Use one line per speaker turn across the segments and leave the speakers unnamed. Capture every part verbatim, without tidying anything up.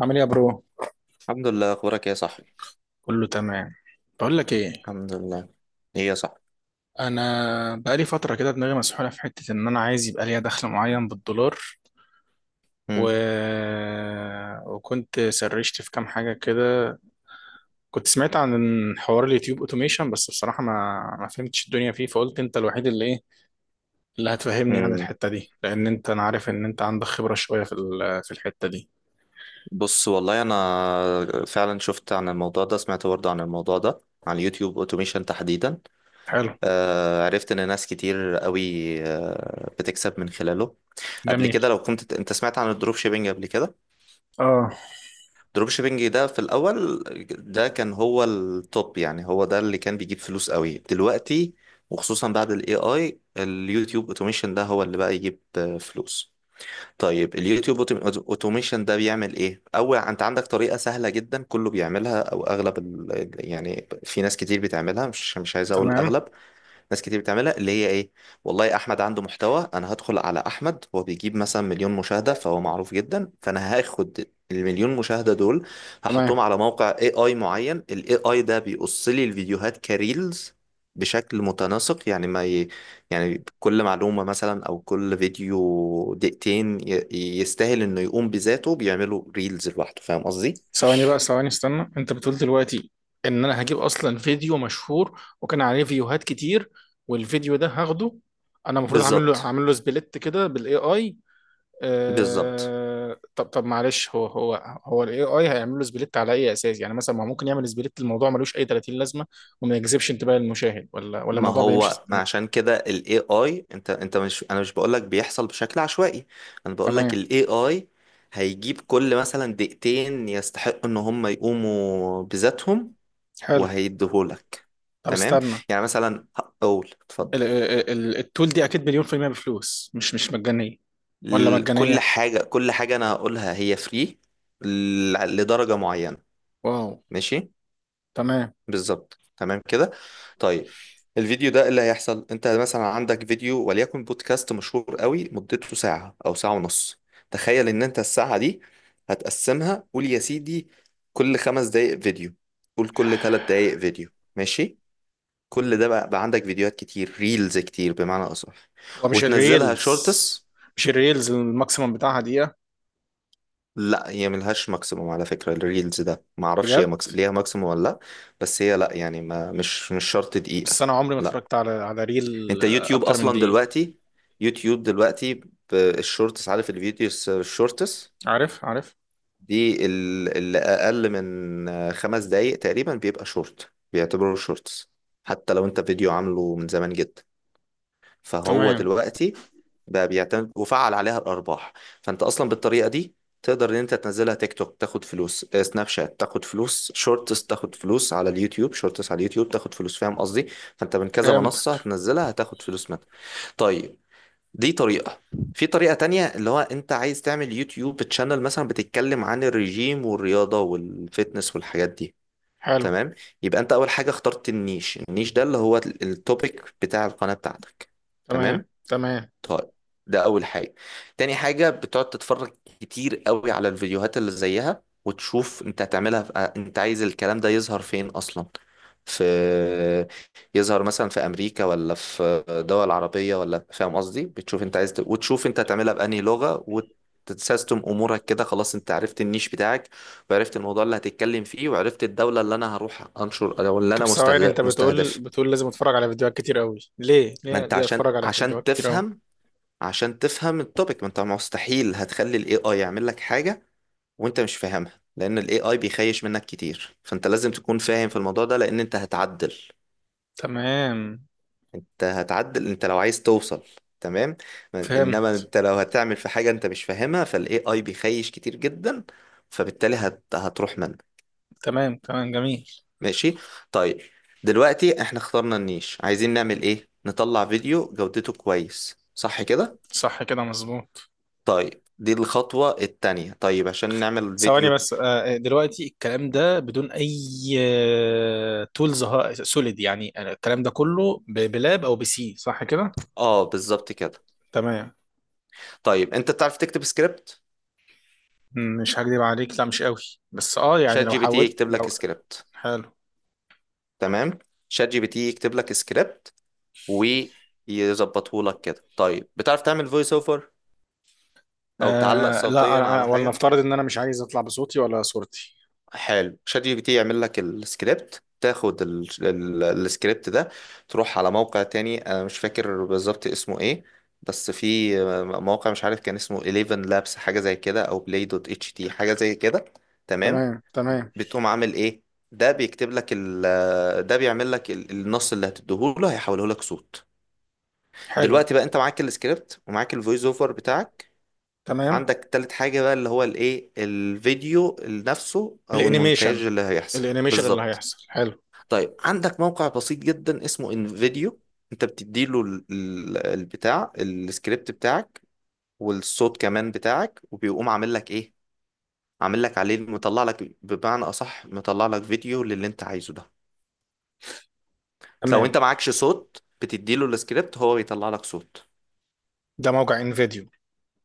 عامل ايه يا برو؟
الحمد لله، اخبارك إيه يا صاحبي؟
كله تمام. بقول لك ايه،
الحمد لله. ايه يا صاحبي؟
انا بقالي فتره كده دماغي مسحوله في حته ان انا عايز يبقى ليا دخل معين بالدولار. و...
مم.
وكنت سرشت في كام حاجه كده. كنت سمعت عن حوار اليوتيوب اوتوميشن، بس بصراحه ما ما فهمتش الدنيا فيه. فقلت انت الوحيد اللي ايه اللي هتفهمني عن
مم.
الحته دي، لان انت انا عارف ان انت عندك خبره شويه في ال... في الحته دي.
بص، والله انا فعلا شفت عن الموضوع ده، سمعت برضه عن الموضوع ده، على اليوتيوب اوتوميشن تحديدا.
حلو.
آه، عرفت ان ناس كتير قوي آه بتكسب من خلاله. قبل
جميل.
كده لو كنت انت سمعت عن الدروب شيبينج قبل كده،
اه.
الدروب شيبينج ده في الاول ده كان هو التوب، يعني هو ده اللي كان بيجيب فلوس قوي. دلوقتي وخصوصا بعد الاي اي، اليوتيوب اوتوميشن ده هو اللي بقى يجيب آه، فلوس. طيب اليوتيوب اوتوميشن ده بيعمل ايه؟ اول انت عندك طريقه سهله جدا، كله بيعملها او اغلب ال... يعني في ناس كتير بتعملها، مش مش عايز اقول
تمام،
الاغلب، ناس كتير بتعملها، اللي هي ايه؟ والله احمد عنده محتوى، انا هدخل على احمد، هو بيجيب مثلا مليون مشاهدة، فهو معروف جدا، فانا هاخد المليون مشاهدة دول
تمام.
هحطهم على موقع اي اي معين. الاي اي ده بيقص لي الفيديوهات كريلز بشكل متناسق، يعني ما ي... يعني كل معلومة مثلا او كل فيديو دقيقتين ي... يستاهل انه يقوم بذاته، بيعملوا ريلز لوحده، فاهم قصدي؟
ثواني بقى ثواني استنى، انت بتقول دلوقتي ان انا هجيب اصلا فيديو مشهور وكان عليه فيوهات كتير، والفيديو ده هاخده، انا المفروض اعمل له
بالظبط،
اعمل له سبليت كده بالاي اي؟
بالظبط.
آه... طب طب معلش، هو هو هو الاي اي هيعمل له سبليت على اي اساس؟ يعني مثلا، ما هو ممكن يعمل سبليت، الموضوع ملوش اي ثلاثين لازمه، وما يجذبش انتباه المشاهد، ولا ولا
ما
الموضوع بيمشي
هو ما
ازاي؟
عشان كده ال إيه آي، انت انت مش، انا مش بقولك بيحصل بشكل عشوائي، انا بقولك
تمام.
ال إيه آي هيجيب كل مثلا دقيقتين يستحقوا ان هم يقوموا بذاتهم
حلو.
وهيديهولك.
طب
تمام،
استنى،
يعني مثلا هقول اتفضل،
ال- ال- ال- التول دي اكيد مليون في المية بفلوس، مش مش مجانيه؟ ولا
ال- كل
مجانيه؟
حاجة، كل حاجة انا هقولها هي فري لدرجة معينة.
واو.
ماشي.
تمام.
بالظبط، تمام كده. طيب الفيديو ده إيه اللي هيحصل؟ انت مثلا عندك فيديو وليكن بودكاست مشهور قوي، مدته ساعة او ساعة ونص. تخيل ان انت الساعة دي هتقسمها، قول يا سيدي كل خمس دقايق فيديو، قول كل ثلاث دقايق فيديو، ماشي. كل ده بقى، بقى عندك فيديوهات كتير، ريلز كتير بمعنى اصح،
هو مش
وتنزلها
الريلز
شورتس.
مش الريلز الماكسيمم بتاعها دقيقة؟
لا، هي ملهاش ماكسيموم على فكرة، الريلز ده معرفش هي
بجد؟
مكس... ليها ماكسيموم ولا لا. بس هي لا، يعني ما مش مش شرط دقيقة.
بس أنا عمري ما
لا،
اتفرجت على على ريل
انت
آه،
يوتيوب
أكتر من
اصلا
دقيقة.
دلوقتي، يوتيوب دلوقتي بالشورتس، عارف الفيديوز الشورتس
عارف، عارف.
دي؟ ال- اللي اقل من خمس دقايق تقريبا بيبقى شورت، بيعتبروه شورتس، حتى لو انت فيديو عامله من زمان جدا، فهو
تمام.
دلوقتي بقى بيعتمد وفعل عليها الارباح. فانت اصلا بالطريقه دي تقدر ان انت تنزلها تيك توك تاخد فلوس، آه، سناب شات تاخد فلوس، شورتس تاخد فلوس على اليوتيوب، شورتس على اليوتيوب تاخد فلوس، فاهم قصدي؟ فانت من كذا
فهمت.
منصه هتنزلها هتاخد فلوس منها. طيب دي طريقة. في طريقة تانية، اللي هو انت عايز تعمل يوتيوب تشانل مثلا بتتكلم عن الرجيم والرياضة والفتنس والحاجات دي.
حلو.
تمام، يبقى انت اول حاجة اخترت النيش. النيش ده اللي هو التوبيك بتاع القناة بتاعتك.
تمام،
تمام.
تمام.
طيب، ده اول حاجه. تاني حاجه بتقعد تتفرج كتير قوي على الفيديوهات اللي زيها وتشوف انت هتعملها في... آه، انت عايز الكلام ده يظهر فين اصلا، في يظهر مثلا في امريكا ولا في دول عربيه ولا، فاهم قصدي؟ بتشوف انت عايز ت... وتشوف انت هتعملها بأنهي لغه، وتسيستم امورك كده، خلاص انت عرفت النيش بتاعك، وعرفت الموضوع اللي هتتكلم فيه، وعرفت الدوله اللي انا هروح انشر او اللي
طب
انا
ثواني،
مستهدف
أنت بتقول
مستهدف
بتقول لازم أتفرج على فيديوهات كتير أوي، ليه
ما
ليه
انت
ليه
عشان
أتفرج على
عشان
فيديوهات كتير أوي؟
تفهم، عشان تفهم التوبيك، ما انت مستحيل هتخلي الاي اي يعمل لك حاجة وانت مش فاهمها، لان الاي اي بيخيش منك كتير، فانت لازم تكون فاهم في الموضوع ده، لان انت هتعدل،
تمام.
انت هتعدل انت لو عايز توصل. تمام. ما- انما
فهمت.
انت لو هتعمل في حاجة انت مش فاهمها، فالاي اي بيخيش كتير جدا، فبالتالي هت... هتروح منك.
تمام، تمام، جميل.
ماشي. طيب دلوقتي احنا اخترنا النيش، عايزين نعمل ايه؟ نطلع فيديو جودته كويس، صح كده؟
صح كده، مظبوط.
طيب دي الخطوة التانية، طيب عشان نعمل
ثواني
الفيديو،
بس. آه، آه، دلوقتي الكلام ده بدون اي تولز سوليد، يعني أنا الكلام ده كله ب- بلاب او بسي، صح كده؟
اه بالظبط كده.
تمام.
طيب انت بتعرف تكتب سكريبت؟
مم، مش هكدب عليك، لا مش قوي. بس اه يعني
شات
لو
جي بي تي
حاول
يكتب لك
لو.
سكريبت.
حلو.
تمام، شات جي بي تي يكتب لك سكريبت ويظبطه لك كده. طيب بتعرف تعمل فويس اوفر او تعلق
آه لا،
صوتيا
أنا
على
أنا-
حاجة؟
ولنفترض ان انا مش عايز اطلع بصوتي ولا صورتي.
حلو، شات جي بي تي يعمل لك السكريبت، تاخد ال- ال- السكريبت ده، تروح على موقع تاني، انا مش فاكر بالظبط اسمه ايه، بس في موقع مش عارف كان اسمه أحد عشر لابس حاجة زي كده، او بلاي دوت اتش تي حاجة زي كده. تمام.
تمام. تمام.
بتقوم عامل ايه؟ ده بيكتب لك ال ده بيعمل لك ال- النص اللي هتديهوله هيحوله لك صوت.
حلو.
دلوقتي بقى انت معاك السكريبت ومعاك الفويس اوفر بتاعك.
تمام.
عندك تالت حاجة بقى اللي هو الايه، الفيديو نفسه، او المونتاج
الانيميشن
اللي هيحصل
الانيميشن اللي
بالظبط.
هيحصل، حلو.
طيب عندك موقع بسيط جدا اسمه انفيديو، انت بتديله ال- ال- البتاع السكريبت بتاعك والصوت كمان بتاعك، وبيقوم عامل لك ايه؟ عامل لك عليه، مطلع لك بمعنى اصح، مطلع لك فيديو للي انت عايزه ده. لو
تمام.
انت معكش صوت، بتديله السكريبت هو بيطلع لك صوت.
ده موقع انفيديو؟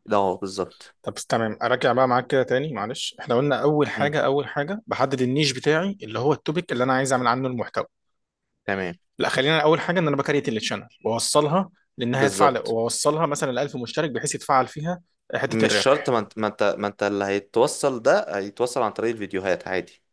ده هو بالظبط.
طب تمام، اراجع بقى معاك كده تاني، معلش. احنا قلنا اول
مم.
حاجه اول حاجه بحدد النيش بتاعي، اللي هو التوبيك اللي انا عايز اعمل عنه المحتوى.
تمام.
لا، خلينا اول حاجه ان انا بكريت التشانل واوصلها، لانها تفعل
بالظبط.
واوصلها مثلا ل ألف مشترك بحيث يتفعل فيها حته
مش شرط،
الربح.
ما انت ما انت ما انت اللي هيتوصل، ده هيتوصل عن طريق الفيديوهات عادي.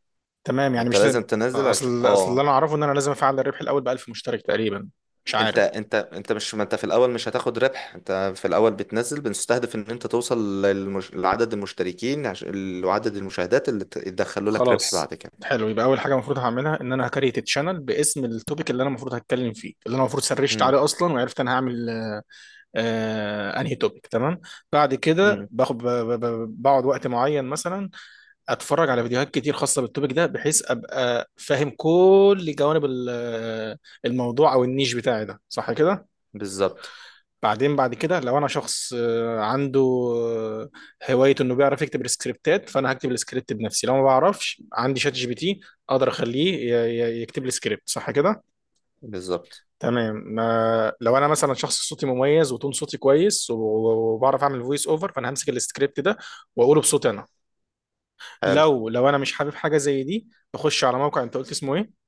تمام،
ما
يعني
انت
مش
لازم
لازم.
تنزل عشان
اصل اصل اللي
اه
انا اعرفه ان انا لازم افعل الربح الاول ب ألف مشترك تقريبا. مش
انت
عارف.
انت انت مش، ما انت في الاول مش هتاخد ربح، انت في الاول بتنزل، بنستهدف ان انت توصل للمش... لعدد المشتركين، عش... لعدد المشاهدات اللي ت- يدخلوا لك ربح
خلاص.
بعد كده.
حلو، يبقى اول حاجه المفروض هعملها ان انا هكريت التشانل باسم التوبيك اللي انا المفروض هتكلم فيه، اللي انا المفروض سرشت
امم.
عليه اصلا وعرفت انا هعمل آه انهي توبيك. تمام. بعد كده
امم.
باخد ب- ب- ب- بقعد وقت معين، مثلا اتفرج على فيديوهات كتير خاصه بالتوبيك ده، بحيث ابقى فاهم كل جوانب ال- الموضوع او النيش بتاعي ده، صح كده؟
بالظبط.
بعدين بعد كده لو انا شخص آه، عنده آه، هوايه انه بيعرف يكتب السكريبتات، فانا هكتب السكريبت بنفسي، لو ما بعرفش عندي شات جي بي تي اقدر اخليه ي- ي- يكتب لي سكريبت، صح كده؟
بالظبط.
تمام، ما لو انا مثلا شخص صوتي مميز وتون صوتي كويس و- وبعرف اعمل فويس اوفر، فانا همسك السكريبت ده واقوله بصوتي انا.
حلو.
لو لو انا مش حابب حاجه زي دي، بخش على موقع. انت قلت اسمه ايه؟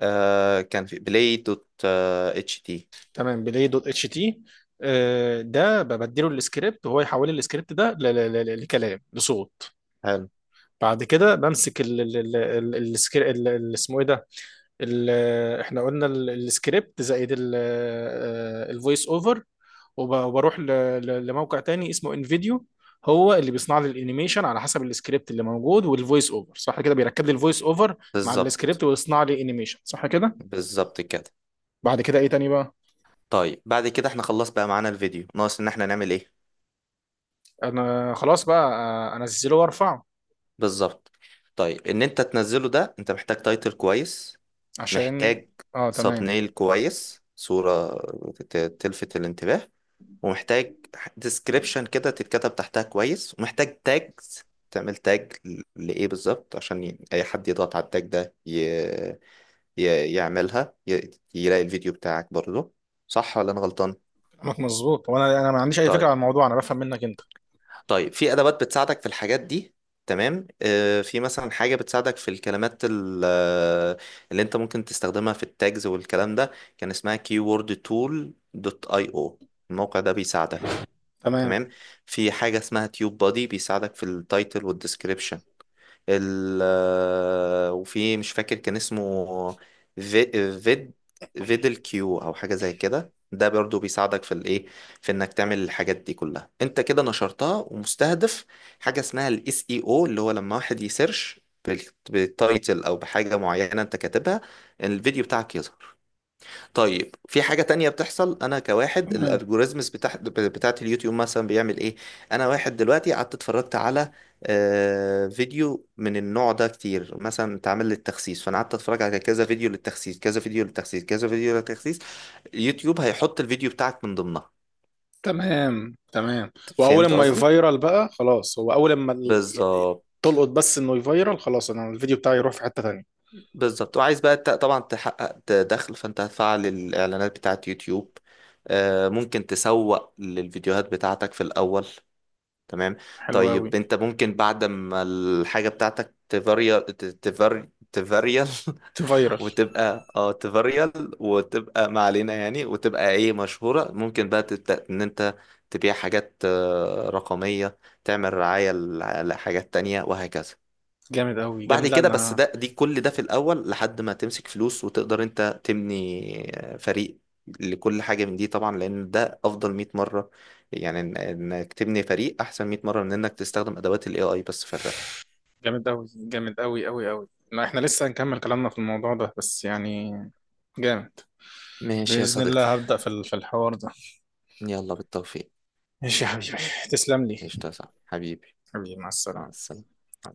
آه كان في بلاي دوت، آه اتش تي.
تمام، بلاي دوت اتش تي. آه، ده ببدله السكريبت وهو يحول لي السكريبت ده ل- ل- ل- لكلام لصوت.
حلو.
بعد كده بمسك ال ال ال ال- السكر- ال- ال- اسمه ايه ده؟ ال- احنا قلنا ال- السكريبت زائد الفويس اوفر، وب- وبروح ل- ل- لموقع تاني اسمه انفيديو، هو اللي بيصنع لي الانيميشن على حسب السكريبت اللي موجود والفويس اوفر، صح كده؟ بيركب لي الفويس اوفر مع
بالظبط،
السكريبت ويصنع لي انيميشن، صح كده؟
بالظبط كده.
بعد كده ايه تاني بقى؟
طيب بعد كده احنا خلص بقى معانا الفيديو، ناقص ان احنا نعمل ايه؟
انا خلاص بقى، آه، انزله وارفعه.
بالظبط. طيب ان انت تنزله ده انت محتاج تايتل كويس،
عشان
محتاج
اه،
ساب
تمام.
نيل كويس، صورة ت- تلفت الانتباه، ومحتاج ديسكريبشن كده تتكتب تحتها كويس، ومحتاج تاجز، تعمل تاج ل- لإيه بالظبط، عشان ي- أي حد يضغط على التاج ده ي... ي... يعملها، ي... يلاقي الفيديو بتاعك برضه. صح ولا أنا غلطان؟
كلامك مظبوط، وانا انا ما عنديش اي فكره عن
طيب.
الموضوع، انا بفهم منك انت.
طيب في أدوات بتساعدك في الحاجات دي. تمام، آه، في مثلا حاجة بتساعدك في الكلمات ال- آه، اللي انت ممكن تستخدمها في التاجز والكلام ده، كان اسمها كيوورد تول دوت آي أو. الموقع ده بيساعدك.
تمام،
تمام. في حاجة اسمها تيوب بادي بيساعدك في التايتل والديسكريبشن. ال آه، وفي مش فاكر كان اسمه، في فيد فيدل كيو او حاجه زي كده، ده برضو بيساعدك في الايه، في انك تعمل الحاجات دي كلها. انت كده نشرتها ومستهدف. حاجه اسمها الاس اي او، اللي هو لما واحد يسيرش بالتايتل او بحاجه معينه انت كاتبها الفيديو بتاعك يظهر. طيب في حاجة تانية بتحصل، أنا كواحد،
تمام،
الألجوريزمز بتاع بتاعت اليوتيوب مثلا بيعمل إيه؟ أنا واحد دلوقتي قعدت اتفرجت على آه، فيديو من النوع ده كتير، مثلا اتعمل للتخسيس، فأنا قعدت أتفرج على كذا فيديو للتخسيس، كذا فيديو للتخسيس، كذا فيديو للتخسيس، اليوتيوب هيحط الفيديو بتاعك من ضمنها.
تمام، تمام. واول
فهمت
ما
قصدي؟
يفيرال بقى خلاص، هو اول ما ال-
بالظبط،
تلقط، بس انه يفيرال خلاص انا الفيديو بتاعي يروح في حتة تانية.
بالظبط. وعايز بقى ت- طبعا تحقق ت- دخل، فأنت هتفعل الإعلانات بتاعت يوتيوب، آه، ممكن تسوق للفيديوهات بتاعتك في الأول. تمام.
حلو قوي.
طيب انت ممكن بعد ما الحاجة بتاعتك تفاريال، تفاري تفاريال
تفيرال.
وتبقى اه تفاريال، وتبقى ما علينا يعني، وتبقى ايه، مشهورة، ممكن بقى تبدأ ان انت تبيع حاجات آه، رقمية، تعمل رعاية لحاجات تانية وهكذا.
جامد قوي
بعد
جامد، لا
كده بس
ده
ده، دي كل ده في الأول لحد ما تمسك فلوس وتقدر أنت تبني فريق لكل حاجة من دي، طبعا لأن ده أفضل مية مرة، يعني إن- إنك تبني فريق أحسن مية مرة من إنك تستخدم أدوات ال إيه آي بس في الربح.
جامد قوي جامد قوي قوي قوي، لا احنا لسه هنكمل كلامنا في الموضوع ده، بس يعني جامد.
ماشي يا
بإذن
صديقي.
الله هبدأ في ال- في الحوار ده.
يلا بالتوفيق.
ماشي يا حبيبي. تسلم لي.
قشطة يا صاحبي حبيبي.
حبيبي، مع
مع
السلامة.
السلامة.